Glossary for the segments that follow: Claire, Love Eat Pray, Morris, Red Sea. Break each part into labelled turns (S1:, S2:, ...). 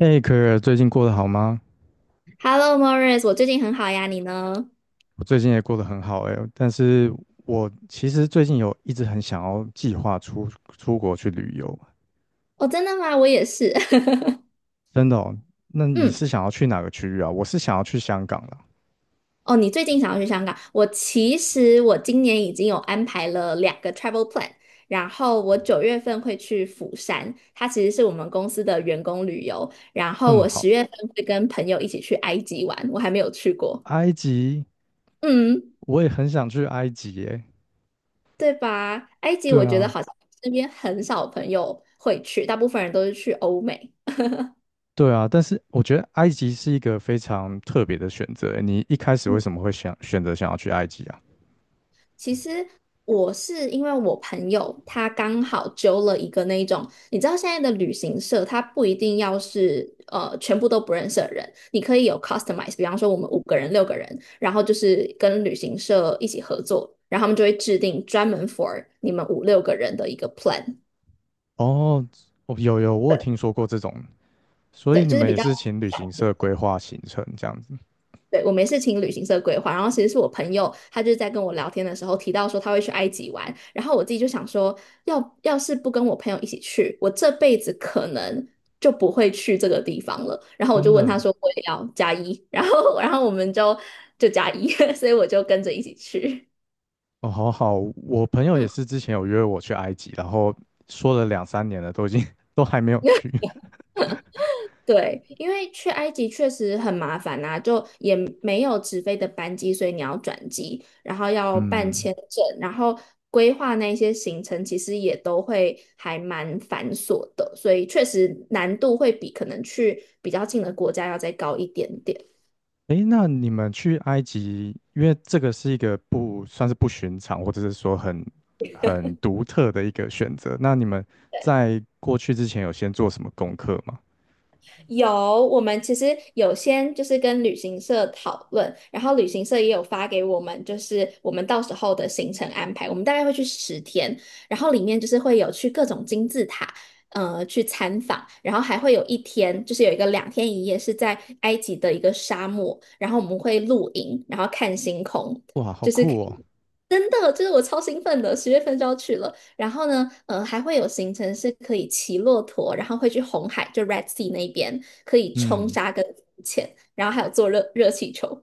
S1: 嘿，可儿，最近过得好吗？
S2: Hello, Morris，我最近很好呀，你呢？
S1: 我最近也过得很好哎，但是我其实最近有一直很想要计划出出国去旅游，
S2: 哦，真的吗？我也是。
S1: 真的哦。那你
S2: 嗯，
S1: 是想要去哪个区域啊？我是想要去香港啦，
S2: 哦，你最近想要去香港？我其实我今年已经有安排了两个 travel plan，然后我9月份会去釜山，它其实是我们公司的员工旅游，然
S1: 那
S2: 后
S1: 么
S2: 我十
S1: 好，
S2: 月份会跟朋友一起去埃及玩，我还没有去过。
S1: 埃及
S2: 嗯，
S1: 我也很想去埃及耶。
S2: 对吧？埃及我
S1: 对
S2: 觉得
S1: 啊，
S2: 好像身边很少朋友会去，大部分人都是去欧美。
S1: 对啊，但是我觉得埃及是一个非常特别的选择诶。你一开始为
S2: 嗯。
S1: 什么会想选择想要去埃及啊？
S2: 其实我是因为我朋友他刚好揪了一个那一种，你知道现在的旅行社，他不一定要是全部都不认识的人，你可以有 customize，比方说我们五个人、六个人，然后就是跟旅行社一起合作，然后他们就会制定专门 for 你们五六个人的一个 plan，
S1: 哦，哦，有，我有听说过这种，所以
S2: 对，
S1: 你
S2: 就是
S1: 们
S2: 比
S1: 也
S2: 较。
S1: 是请旅行社规划行程这样子。
S2: 对，我没事请旅行社规划，然后其实是我朋友，他就是在跟我聊天的时候提到说他会去埃及玩，然后我自己就想说，要是不跟我朋友一起去，我这辈子可能就不会去这个地方了。然后我
S1: 真
S2: 就问他
S1: 的
S2: 说，我也要加一，然后我们就加一，所以我就跟着一起去。
S1: 哦，好好，我朋 友也
S2: 嗯
S1: 是之前有约我去埃及，然后说了两三年了，都已经 都还没有去。
S2: 对，因为去埃及确实很麻烦呐、就也没有直飞的班机，所以你要转机，然后要办
S1: 嗯，
S2: 签证，然后规划那些行程，其实也都会还蛮繁琐的，所以确实难度会比可能去比较近的国家要再高一点点。
S1: 诶，那你们去埃及，因为这个是一个不算是不寻常，或者是说很独特的一个选择。那你们在过去之前有先做什么功课吗？
S2: 有，我们其实有先就是跟旅行社讨论，然后旅行社也有发给我们，就是我们到时候的行程安排。我们大概会去10天，然后里面就是会有去各种金字塔，去参访，然后还会有一天，就是有一个两天一夜是在埃及的一个沙漠，然后我们会露营，然后看星空。
S1: 哇，好
S2: 就是。
S1: 酷哦！
S2: 真的，就是我超兴奋的，十月份就要去了。然后呢，还会有行程是可以骑骆驼，然后会去红海，就 Red Sea 那边可以冲
S1: 嗯，
S2: 沙跟浮潜，然后还有坐热气球。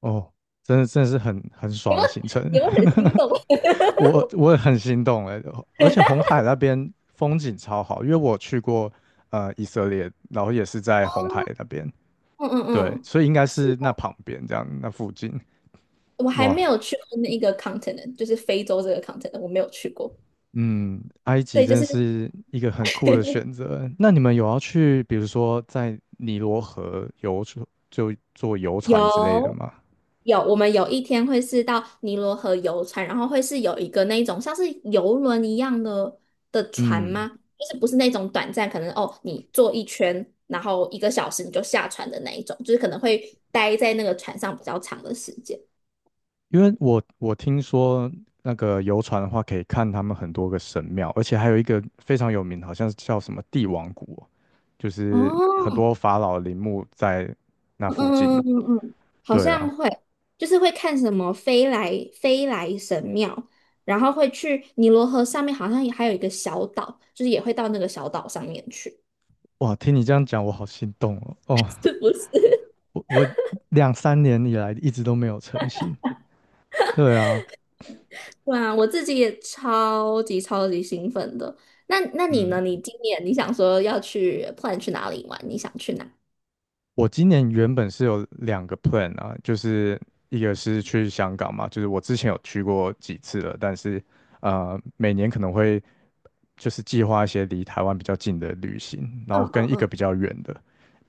S1: 哦，真的真的是很
S2: 你
S1: 爽
S2: 们，
S1: 的行程。
S2: 你们很心动？
S1: 我也很心动哎，而且红海那边风景超好，因为我去过以色列，然后也是在红海那边，
S2: 嗯嗯
S1: 对，
S2: 嗯，
S1: 所以应该
S2: 是
S1: 是那
S2: 的，
S1: 旁边这样，那附近，
S2: 我还
S1: 哇，
S2: 没有去过那一个 continent，就是非洲这个 continent，我没有去过。
S1: 嗯，埃及
S2: 对，就
S1: 真
S2: 是
S1: 是一个很酷的选择。那你们有要去，比如说在尼罗河游船，就坐游船之类的
S2: 有，
S1: 吗？
S2: 有，我们有一天会是到尼罗河游船，然后会是有一个那一种像是游轮一样的船
S1: 嗯
S2: 吗？就是不是那种短暂，可能哦，你坐一圈，然后一个小时你就下船的那一种，就是可能会待在那个船上比较长的时间。
S1: 因为我听说那个游船的话，可以看他们很多个神庙，而且还有一个非常有名，好像是叫什么帝王谷哦，就是
S2: 哦，
S1: 很多法老陵墓在那附近。
S2: 嗯嗯嗯，好
S1: 对
S2: 像
S1: 啊，
S2: 会，就是会看什么飞来神庙，然后会去尼罗河上面，好像也还有一个小岛，就是也会到那个小岛上面去，
S1: 哇，听你这样讲，我好心动哦。哦，
S2: 是不是？
S1: 我两三年以来一直都没有成行。对啊，
S2: 对啊，我自己也超级超级兴奋的。那你
S1: 嗯。
S2: 呢？你今年你想说要去 plan 去哪里玩？你想去哪？
S1: 我今年原本是有两个 plan 啊，就是一个是去香港嘛，就是我之前有去过几次了，但是每年可能会就是计划一些离台湾比较近的旅行，然后
S2: 嗯嗯
S1: 跟一个
S2: 嗯，
S1: 比较远的，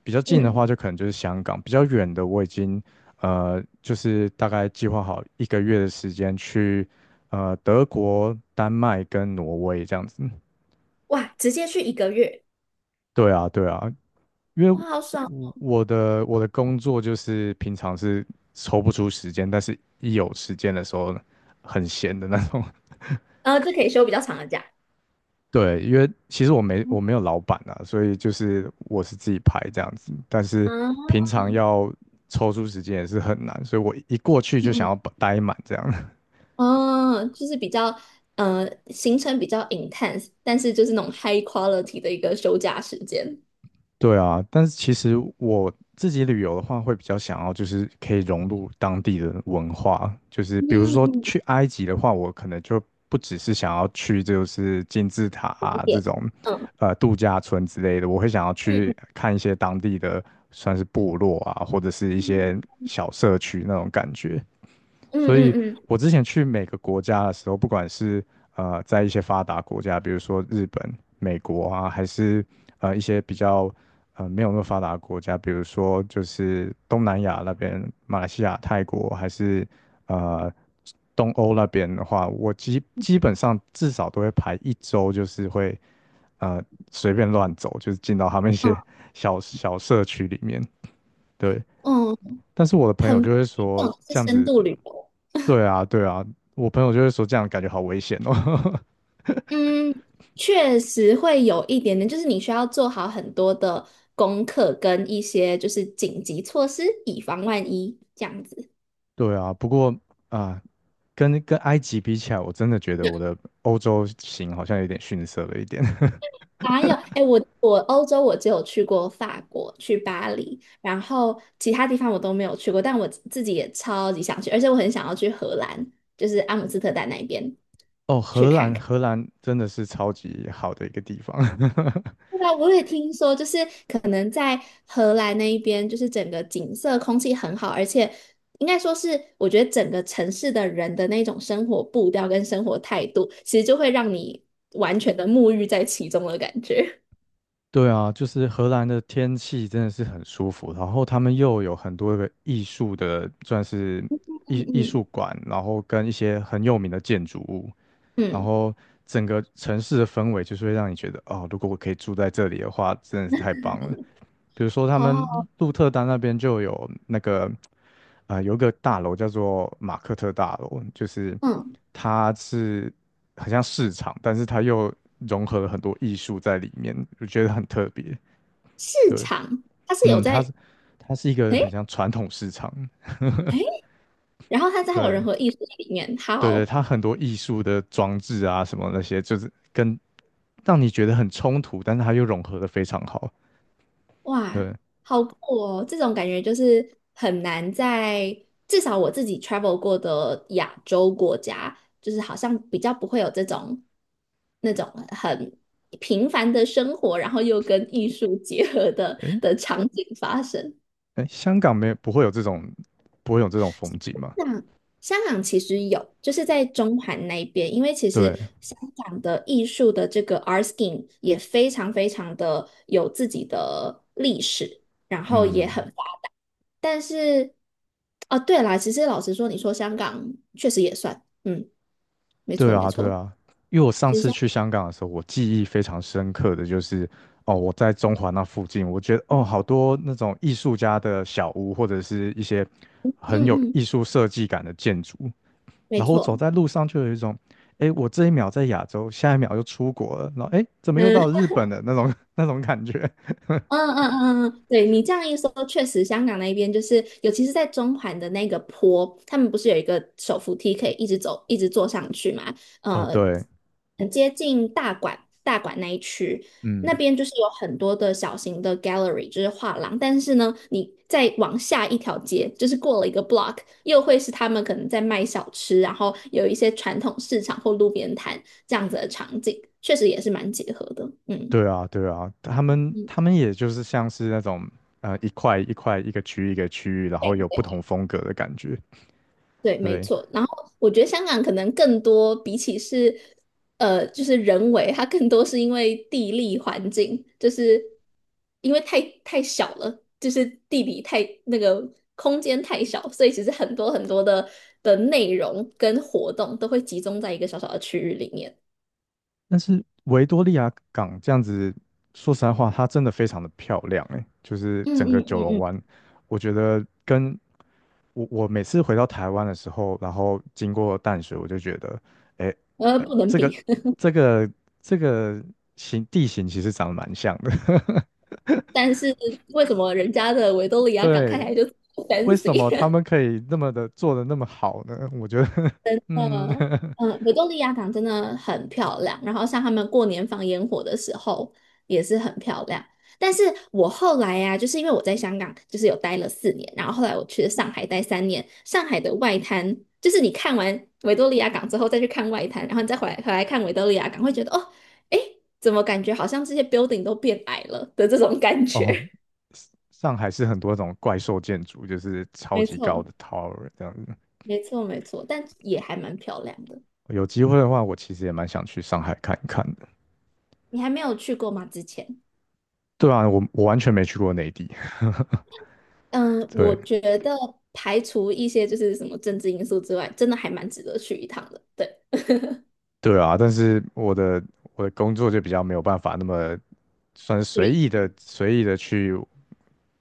S1: 比较近的话
S2: 嗯，
S1: 就可能就是香港，比较远的我已经就是大概计划好一个月的时间去德国、丹麦跟挪威这样子。
S2: 哇，直接去一个月，
S1: 对啊，对啊，因为
S2: 哇，好爽！
S1: 我的工作就是平常是抽不出时间，但是一有时间的时候很闲的那种。
S2: 这可以休比较长的假。
S1: 对，因为其实我没
S2: 嗯
S1: 我没有老板啊，所以就是我是自己排这样子，但是
S2: 啊，
S1: 平常要抽出时间也是很难，所以我一过去就想
S2: 嗯，
S1: 要把待满这样。
S2: 哦，就是比较行程比较 intense，但是就是那种 high quality 的一个休假时间。
S1: 对啊，但是其实我自己旅游的话，会比较想要就是可以融入当地的文化，就是比如
S2: 嗯
S1: 说
S2: 嗯，
S1: 去埃及的话，我可能就不只是想要去就是金字塔
S2: 景
S1: 啊这
S2: 点，
S1: 种
S2: 嗯
S1: 度假村之类的，我会想要去
S2: 嗯
S1: 看一些当地的算是部落啊，或者是一
S2: 嗯
S1: 些小社区那种感觉。
S2: 嗯
S1: 所
S2: 嗯，
S1: 以
S2: 嗯嗯
S1: 我之前去每个国家的时候，不管是在一些发达国家，比如说日本、美国啊，还是一些比较没有那么发达的国家，比如说就是东南亚那边，马来西亚、泰国，还是呃东欧那边的话，我基本上至少都会排一周，就是会呃随便乱走，就是进到他们一些 小小社区里面，对。
S2: 嗯，嗯
S1: 但是我的朋友
S2: 很棒
S1: 就会
S2: 这
S1: 说，
S2: 种是
S1: 这样
S2: 深
S1: 子
S2: 度旅游。
S1: 对啊，对啊，我朋友就会说这样感觉好危险哦。
S2: 嗯，确实会有一点点，就是你需要做好很多的功课跟一些就是紧急措施，以防万一这样子。
S1: 对啊，不过啊，跟埃及比起来，我真的觉得我的 欧洲行好像有点逊色了一点。
S2: 哪有？哎，我欧洲我只有去过法国，去巴黎，然后其他地方我都没有去过，但我自己也超级想去，而且我很想要去荷兰，就是阿姆斯特丹那边
S1: 哦，
S2: 去
S1: 荷
S2: 看
S1: 兰，
S2: 看。
S1: 荷兰真的是超级好的一个地方。
S2: 对啊，我也听说，就是可能在荷兰那一边，就是整个景色、空气很好，而且应该说是，我觉得整个城市的人的那种生活步调跟生活态度，其实就会让你完全的沐浴在其中的感觉。
S1: 对啊，就是荷兰的天气真的是很舒服，然后他们又有很多个艺术的，算是 艺艺术
S2: 嗯
S1: 馆，然后跟一些很有名的建筑物，
S2: 嗯，
S1: 然
S2: 嗯
S1: 后整个城市的氛围就是会让你觉得，哦，如果我可以住在这里的话，真的是太棒了。比如说他
S2: 好
S1: 们
S2: 好，
S1: 鹿特丹那边就有那个，有一个大楼叫做马克特大楼，就是
S2: 嗯，
S1: 它是很像市场，但是它又融合了很多艺术在里面，我觉得很特别。
S2: 市
S1: 对，
S2: 场它是有
S1: 嗯，它
S2: 在，
S1: 是它是一个很
S2: 诶
S1: 像传统市场，
S2: 诶，然后它在还有人
S1: 对。
S2: 和艺术里面，
S1: 对对，
S2: 好。
S1: 它很多艺术的装置啊，什么那些，就是跟让你觉得很冲突，但是它又融合的非常好。
S2: 哇，
S1: 对，
S2: 好酷哦！这种感觉就是很难在至少我自己 travel 过的亚洲国家，就是好像比较不会有这种那种很平凡的生活，然后又跟艺术结合的
S1: 哎
S2: 的场景发生。
S1: 哎，诶香港没有不会有这种风景吗？
S2: 那香港其实有，就是在中环那边，因为其实
S1: 对，
S2: 香港的艺术的这个 art scene 也非常非常的有自己的历史。然后也
S1: 嗯，
S2: 很但是，哦，对啦，其实老实说，你说香港确实也算，嗯，没错
S1: 对
S2: 没
S1: 啊对
S2: 错，
S1: 啊，因为我上
S2: 其实
S1: 次
S2: 像，
S1: 去香港的时候，我记忆非常深刻的就是哦，我在中环那附近，我觉得哦，好多那种艺术家的小屋或者是一些
S2: 嗯
S1: 很有
S2: 嗯，
S1: 艺术设计感的建筑，
S2: 没
S1: 然后我走
S2: 错，
S1: 在路上就有一种。哎，我这一秒在亚洲，下一秒又出国了，然后哎，诶怎 么又
S2: 嗯。
S1: 到日本的那种 那种感觉？
S2: 嗯嗯嗯嗯，对你这样一说，确实香港那边就是，尤其是在中环的那个坡，他们不是有一个手扶梯可以一直走，一直坐上去嘛？
S1: 哦，
S2: 呃，
S1: 对，
S2: 很接近大馆那一区，那
S1: 嗯，
S2: 边就是有很多的小型的 gallery，就是画廊。但是呢，你再往下一条街，就是过了一个 block，又会是他们可能在卖小吃，然后有一些传统市场或路边摊这样子的场景，确实也是蛮结合的。嗯
S1: 对啊，对啊，他们也就是像是那种一块一块一个区域一个区域，然后有不同风格的感觉，
S2: 对，没
S1: 对。
S2: 错。然后我觉得香港可能更多，比起是就是人为，它更多是因为地理环境，就是因为太小了，就是地理太那个空间太小，所以其实很多很多的内容跟活动都会集中在一个小小的区域里面。
S1: 但是维多利亚港这样子，说实在话，它真的非常的漂亮诶，就是
S2: 嗯
S1: 整个
S2: 嗯
S1: 九
S2: 嗯
S1: 龙
S2: 嗯，
S1: 湾，我觉得跟我每次回到台湾的时候，然后经过淡水，我就觉得，诶，
S2: 不能
S1: 这个
S2: 比。
S1: 这个这个形地形其实长得蛮像的，
S2: 但是为什么人家的维多利 亚港看起
S1: 对，
S2: 来就
S1: 为什么
S2: fancy？
S1: 他们可以那么的做的那么好呢？我觉得，嗯，
S2: 呃，维多利亚港真的很漂亮，然后像他们过年放烟火的时候也是很漂亮。但是我后来呀、就是因为我在香港就是有待了4年，然后后来我去了上海待三年，上海的外滩就是你看完维多利亚港之后再去看外滩，然后你再回来看维多利亚港，会觉得哦，诶，怎么感觉好像这些 building 都变矮了的这种感 觉。
S1: 哦，上海是很多种怪兽建筑，就是 超
S2: 没
S1: 级高
S2: 错，
S1: 的 tower 这样子。
S2: 没错，没错，但也还蛮漂亮的。
S1: 有机会的话，我其实也蛮想去上海看一看的。
S2: 你还没有去过吗？之前？
S1: 对啊，我完全没去过内地。
S2: 嗯，我
S1: 对
S2: 觉得排除一些就是什么政治因素之外，真的还蛮值得去一趟的。对，
S1: 对啊，但是我的工作就比较没有办法那么算是
S2: 对，
S1: 随意的去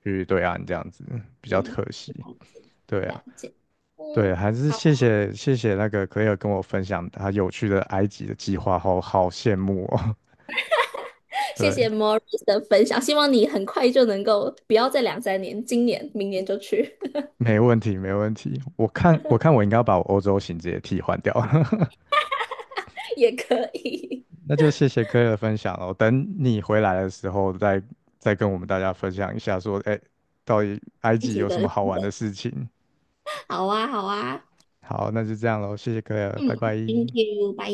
S1: 去对岸这样子，比较
S2: 嗯，
S1: 可惜。
S2: 了解，
S1: 对啊。
S2: 了解。
S1: 对，
S2: 嗯，
S1: 还是谢谢那个 Claire 跟我分享他有趣的埃及的计划，好好羡慕哦。
S2: 谢
S1: 对，
S2: 谢 Morris 的分享，希望你很快就能够，不要再两三年，今年、明年就去
S1: 没问题没问题。我看我应该要把我欧洲行直接替换掉，
S2: 也可以。
S1: 那就谢谢 Claire 的分享哦。等你回来的时候再跟我们大家分享一下说，哎，到底埃
S2: 一
S1: 及
S2: 起
S1: 有什么
S2: 的，
S1: 好玩的事情。
S2: 好啊，好啊，
S1: 好，那就这样喽，谢谢 Claire，拜
S2: 嗯
S1: 拜。
S2: ，Thank you，拜。